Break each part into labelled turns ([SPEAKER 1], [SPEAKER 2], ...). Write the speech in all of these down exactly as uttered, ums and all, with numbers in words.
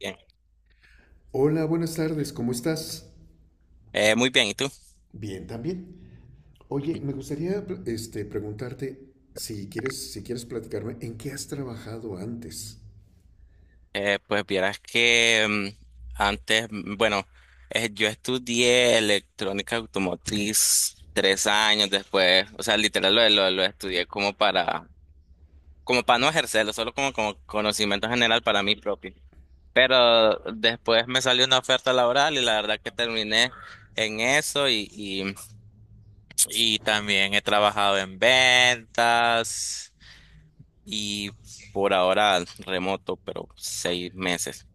[SPEAKER 1] Bien.
[SPEAKER 2] Hola, buenas tardes, ¿cómo estás?
[SPEAKER 1] Eh, muy bien, ¿y tú?
[SPEAKER 2] Bien, también. Oye, me gustaría este, preguntarte si quieres, si quieres platicarme en qué has trabajado antes.
[SPEAKER 1] Eh, pues vieras que mm, antes, mm, bueno, eh, yo estudié electrónica automotriz tres años después, o sea, literal lo, lo, lo estudié como para, como para no ejercerlo, solo como, como conocimiento general para mí propio. Pero después me salió una oferta laboral y la verdad que terminé en eso y, y, y también he trabajado en ventas y por ahora remoto, pero seis meses.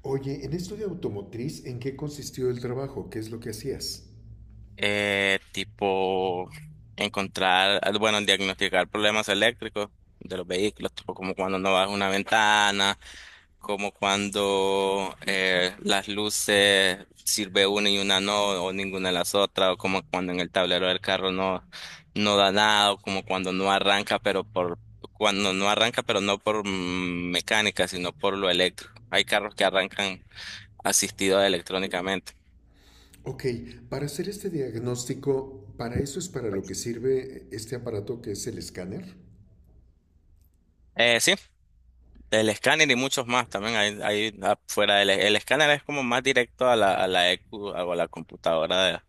[SPEAKER 2] Oye, en esto de automotriz, ¿en qué consistió el trabajo? ¿Qué es lo que hacías?
[SPEAKER 1] Eh, tipo encontrar, bueno, diagnosticar problemas eléctricos de los vehículos, tipo como cuando no baja una ventana, como cuando eh, las luces sirve una y una no, o ninguna de las otras, o como cuando en el tablero del carro no, no da nada, o como cuando no arranca, pero por, cuando no arranca, pero no por mm, mecánica, sino por lo eléctrico. Hay carros que arrancan asistidos electrónicamente.
[SPEAKER 2] Ok, para hacer este diagnóstico, ¿para eso es para lo que sirve este aparato que es el escáner?
[SPEAKER 1] Eh, sí, el escáner y muchos más también hay, hay afuera del el escáner es como más directo a la, a la E Q o a la computadora de-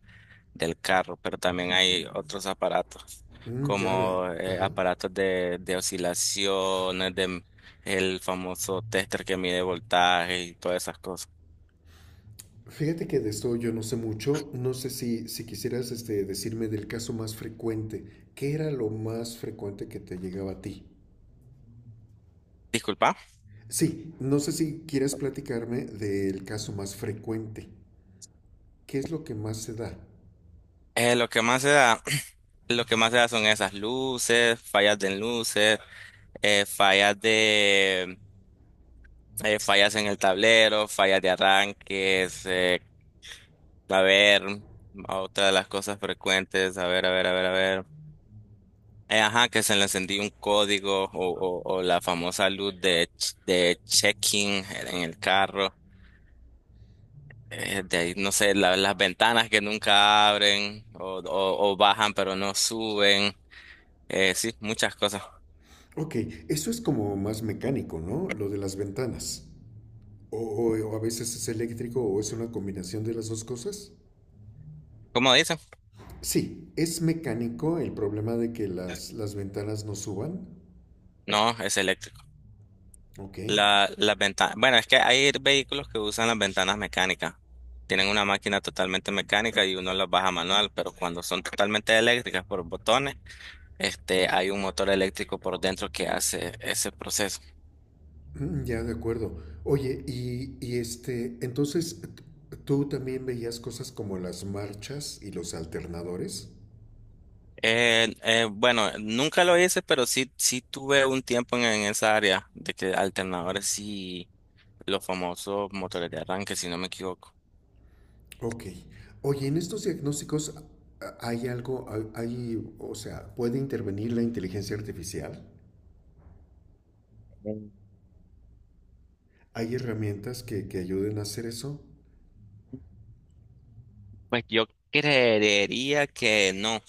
[SPEAKER 1] del carro, pero también hay otros aparatos
[SPEAKER 2] Mm, ya, ya,
[SPEAKER 1] como eh,
[SPEAKER 2] ajá.
[SPEAKER 1] aparatos de, de oscilaciones, de el famoso tester que mide voltaje y todas esas cosas.
[SPEAKER 2] Fíjate que de esto yo no sé mucho, no sé si, si quisieras este, decirme del caso más frecuente, ¿qué era lo más frecuente que te llegaba a ti?
[SPEAKER 1] Disculpa.
[SPEAKER 2] Sí, no sé si quieres platicarme del caso más frecuente, ¿qué es lo que más se da?
[SPEAKER 1] Eh, lo que más se da, lo que más se da son esas luces, fallas de luces, eh, fallas de eh, fallas en el tablero, fallas de arranques, eh, a ver, otra de las cosas frecuentes, a ver, a ver, a ver, a ver. Eh, ajá, que se le encendió un código o, o, o la famosa luz de, ch- de checking en el carro. Eh, de ahí, no sé, la- las ventanas que nunca abren o, o, o bajan pero no suben. Eh, sí, muchas cosas.
[SPEAKER 2] Ok, eso es como más mecánico, ¿no? Lo de las ventanas. O, o- o a veces es eléctrico o es una combinación de las dos cosas.
[SPEAKER 1] ¿Cómo dice?
[SPEAKER 2] Sí, es mecánico el problema de que las, las ventanas no suban.
[SPEAKER 1] No, es eléctrico.
[SPEAKER 2] Ok.
[SPEAKER 1] La, las ventanas, bueno, es que hay vehículos que usan las ventanas mecánicas. Tienen una máquina totalmente mecánica y uno las baja manual, pero cuando son totalmente eléctricas por botones, este, hay un motor eléctrico por dentro que hace ese proceso.
[SPEAKER 2] Mm, ya, de acuerdo. Oye, y, y este, entonces, t- ¿tú también veías cosas como las marchas y los alternadores?
[SPEAKER 1] Eh, eh, bueno, nunca lo hice, pero sí, sí tuve un tiempo en, en esa área de que alternadores y los famosos motores de arranque, si no me equivoco.
[SPEAKER 2] Ok. Oye, en estos diagnósticos a- hay algo, hay, hay- o sea, ¿puede intervenir la inteligencia artificial?
[SPEAKER 1] Mm.
[SPEAKER 2] ¿Hay herramientas que, que ayuden a hacer eso?
[SPEAKER 1] Pues yo creería que no,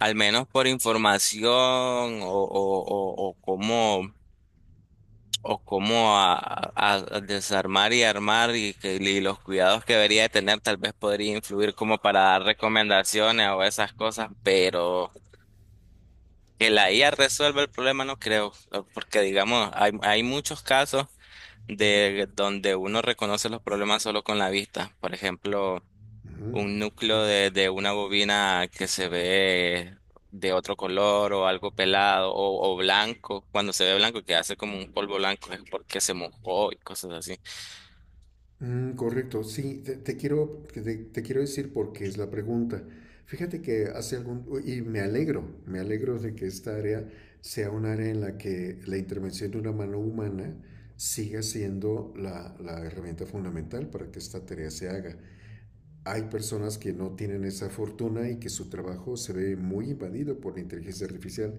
[SPEAKER 1] al menos por información o, o, o, o cómo, o cómo a, a- a desarmar y armar y, que- y los cuidados que debería de tener, tal vez podría influir como para dar recomendaciones o esas cosas, pero que la I A resuelva el problema no creo, porque digamos, hay, hay muchos casos de donde uno reconoce los problemas solo con la vista. Por ejemplo,
[SPEAKER 2] Ujú,
[SPEAKER 1] un
[SPEAKER 2] ok.
[SPEAKER 1] núcleo de, de una bobina que se ve de otro color o algo pelado o, o blanco, cuando se ve blanco que hace como un polvo blanco es porque se mojó y cosas así.
[SPEAKER 2] Mm, correcto, sí, te, te quiero, que te, te quiero decir porque es la pregunta. Fíjate que hace algún, y me alegro, me alegro de que esta área sea un área en la que la intervención de una mano humana siga siendo la, la herramienta fundamental para que esta tarea se haga. Hay personas que no tienen esa fortuna y que su trabajo se ve muy invadido por la inteligencia artificial.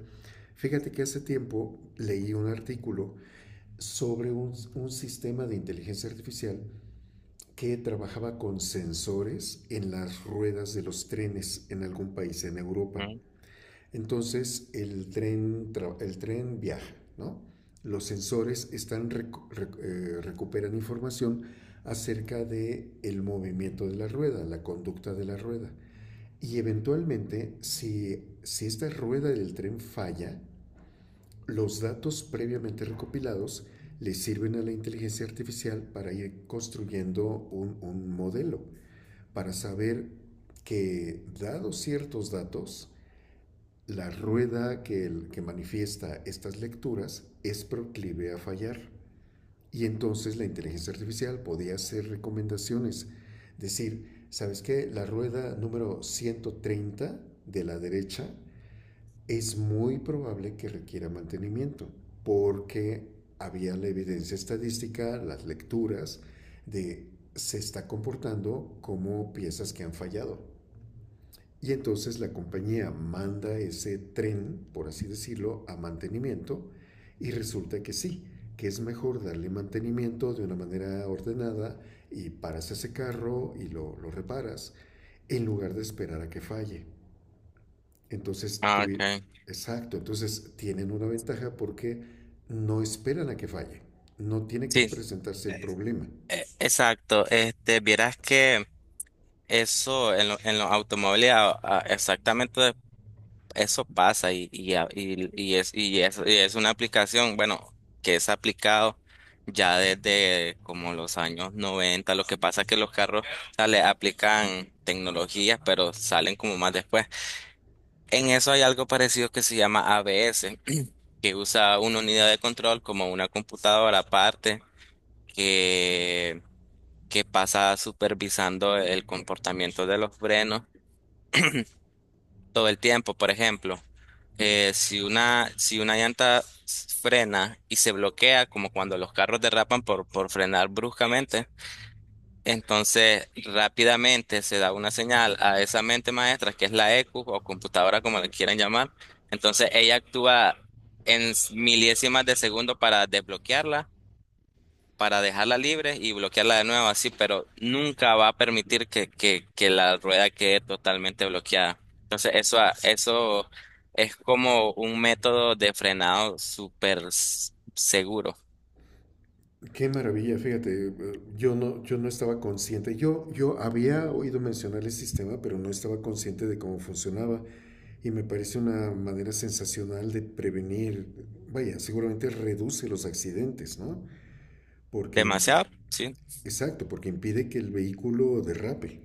[SPEAKER 2] Fíjate que hace tiempo leí un artículo sobre un, un sistema de inteligencia artificial que trabajaba con sensores en las ruedas de los trenes en algún país en Europa.
[SPEAKER 1] Ujú.
[SPEAKER 2] Entonces el tren, el tren viaja, ¿no? Los sensores están recu- rec- eh, recuperan información acerca de el movimiento de la rueda, la conducta de la rueda. Y eventualmente, si, si esta rueda del tren falla, los datos previamente recopilados le sirven a la inteligencia artificial para ir construyendo un, un modelo para saber que, dados ciertos datos, la rueda que, el, que manifiesta estas lecturas es proclive a fallar. Y entonces la inteligencia artificial podía hacer recomendaciones, decir, ¿sabes qué? La rueda número ciento treinta de la derecha es muy probable que requiera mantenimiento, porque había la evidencia estadística, las lecturas de se está comportando como piezas que han fallado. Y entonces la compañía manda ese tren, por así decirlo, a mantenimiento y resulta que sí, que es mejor darle mantenimiento de una manera ordenada y paras ese carro y lo, lo reparas en lugar de esperar a que falle. Entonces,
[SPEAKER 1] Ah,
[SPEAKER 2] tuvi-
[SPEAKER 1] okay.
[SPEAKER 2] exacto, entonces tienen una ventaja porque no esperan a que falle, no tiene que
[SPEAKER 1] Sí,
[SPEAKER 2] presentarse el problema.
[SPEAKER 1] e- exacto. Este, vieras que eso en, lo- en los automóviles a- a- exactamente eso pasa y, y, a- y- y es, y, es, y, es una aplicación, bueno, que es aplicado ya desde como los años noventa. Lo que pasa es que los carros, o sea, le aplican tecnologías, pero salen como más después. En eso hay algo parecido que se llama A B S, que usa una unidad de control como una computadora aparte que, que pasa supervisando el comportamiento de los frenos todo el tiempo, por ejemplo. Eh, si una, si una llanta s- frena y se bloquea, como cuando los carros derrapan por, por frenar bruscamente, entonces rápidamente se da una señal a esa mente maestra, que es la E Q o computadora, como le quieran llamar. Entonces ella actúa en s- milésimas de segundo para desbloquearla para dejarla libre y bloquearla de nuevo así, pero nunca va a permitir que, que, que la rueda quede totalmente bloqueada. Entonces, eso, a- eso es como un método de frenado súper s- seguro.
[SPEAKER 2] Qué maravilla, fíjate, eh, yo no, yo no estaba consciente, yo, yo había oído mencionar el sistema, pero no estaba consciente de cómo funcionaba y me parece una manera sensacional de prevenir, vaya, seguramente reduce los accidentes, ¿no? Porque, impi-
[SPEAKER 1] Demasiado, sí,
[SPEAKER 2] exacto, porque impide que el vehículo derrape.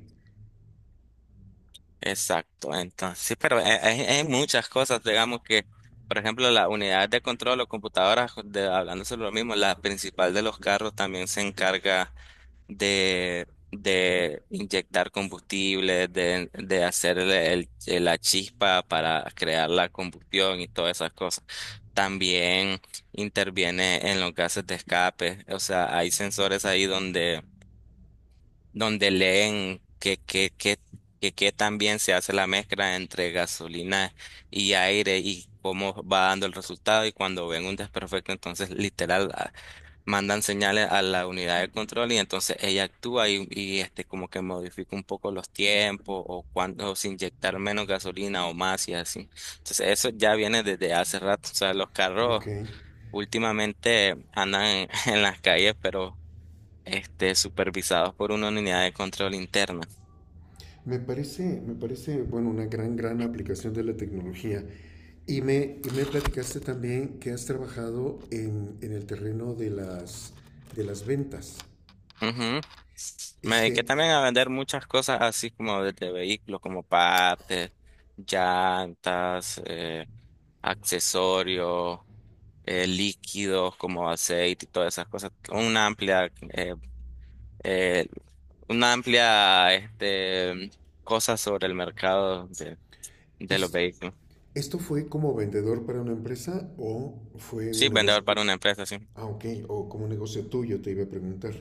[SPEAKER 1] exacto. Entonces, sí, pero hay, hay- hay muchas cosas, digamos que, por ejemplo, la unidad de control o computadoras, de, hablando sobre lo mismo, la principal de los carros también se encarga de, de inyectar combustible, de, de hacer el- el- la chispa para crear la combustión y todas esas cosas. También interviene en los gases de escape. O sea, hay sensores ahí donde, donde leen que, que, que, que, qué tan bien se hace la mezcla entre gasolina y aire y cómo va dando el resultado y cuando ven un desperfecto, entonces literal mandan señales a la unidad de control y entonces ella actúa y, y, este como que modifica un poco los tiempos o cuándo se inyectar menos gasolina o más y así. Entonces eso ya viene desde hace rato. O sea, los
[SPEAKER 2] Ok,
[SPEAKER 1] carros últimamente andan en, en las calles, pero este supervisados por una unidad de control interna.
[SPEAKER 2] me parece, me parece, bueno, una gran, gran aplicación de la tecnología. Y me, y me platicaste también que has trabajado en, en el terreno de las, de las ventas.
[SPEAKER 1] Ujú. Me
[SPEAKER 2] Este,
[SPEAKER 1] dediqué también a vender muchas cosas así como de de vehículos, como partes, llantas, eh, accesorios, eh, líquidos como aceite y todas esas cosas. Una amplia, eh, eh, una amplia, este, cosa sobre el mercado de, de los
[SPEAKER 2] esto,
[SPEAKER 1] vehículos.
[SPEAKER 2] ¿Esto fue como vendedor para una empresa o fue
[SPEAKER 1] Sí,
[SPEAKER 2] un negocio?
[SPEAKER 1] vendedor para una empresa, sí.
[SPEAKER 2] Ah, ok, o como un negocio tuyo, te iba a preguntar.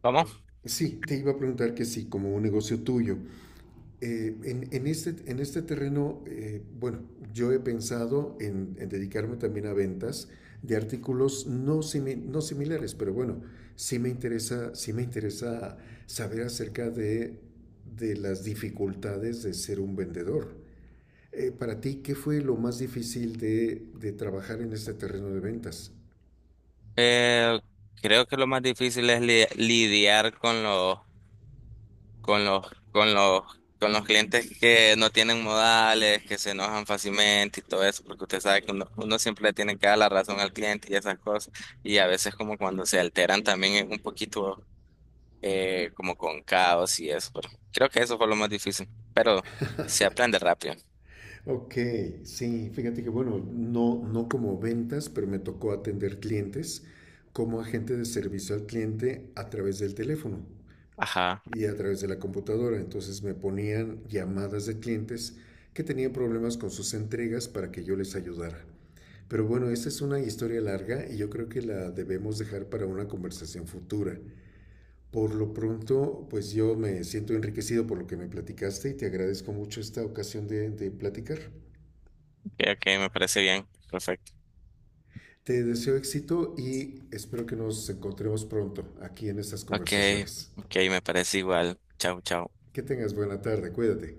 [SPEAKER 1] ¿Cómo?
[SPEAKER 2] Sí, te iba a preguntar que sí, como un negocio tuyo, Eh, en, en, este, en este terreno, eh, bueno, yo he pensado en, en, dedicarme también a ventas de artículos no, simi no similares, pero bueno, sí me interesa, sí me interesa saber acerca de, de las dificultades de ser un vendedor. Eh, para ti, ¿qué fue lo más difícil de, de trabajar en este terreno de ventas?
[SPEAKER 1] Eh, Creo que lo más difícil es li- lidiar con los con los, con los, con los clientes que no tienen modales, que se enojan fácilmente y todo eso, porque usted sabe que uno, uno siempre le tiene que dar la razón al cliente y esas cosas, y a veces como cuando se alteran también es un poquito eh, como con caos y eso, pero creo que eso fue lo más difícil, pero se aprende rápido.
[SPEAKER 2] Ok, sí, fíjate que bueno, no, no como ventas, pero me tocó atender clientes como agente de servicio al cliente a través del teléfono
[SPEAKER 1] Ajá,
[SPEAKER 2] y a través de la computadora. Entonces me ponían llamadas de clientes que tenían problemas con sus entregas para que yo les ayudara. Pero bueno, esta es una historia larga y yo creo que la debemos dejar para una conversación futura. Por lo pronto, pues yo me siento enriquecido por lo que me platicaste y te agradezco mucho esta ocasión de, de platicar.
[SPEAKER 1] ok, ok, me parece bien, perfecto.
[SPEAKER 2] Te deseo éxito y espero que nos encontremos pronto aquí en estas
[SPEAKER 1] Ok,
[SPEAKER 2] conversaciones.
[SPEAKER 1] ok, me parece igual. Chao, chao.
[SPEAKER 2] Que tengas buena tarde, cuídate.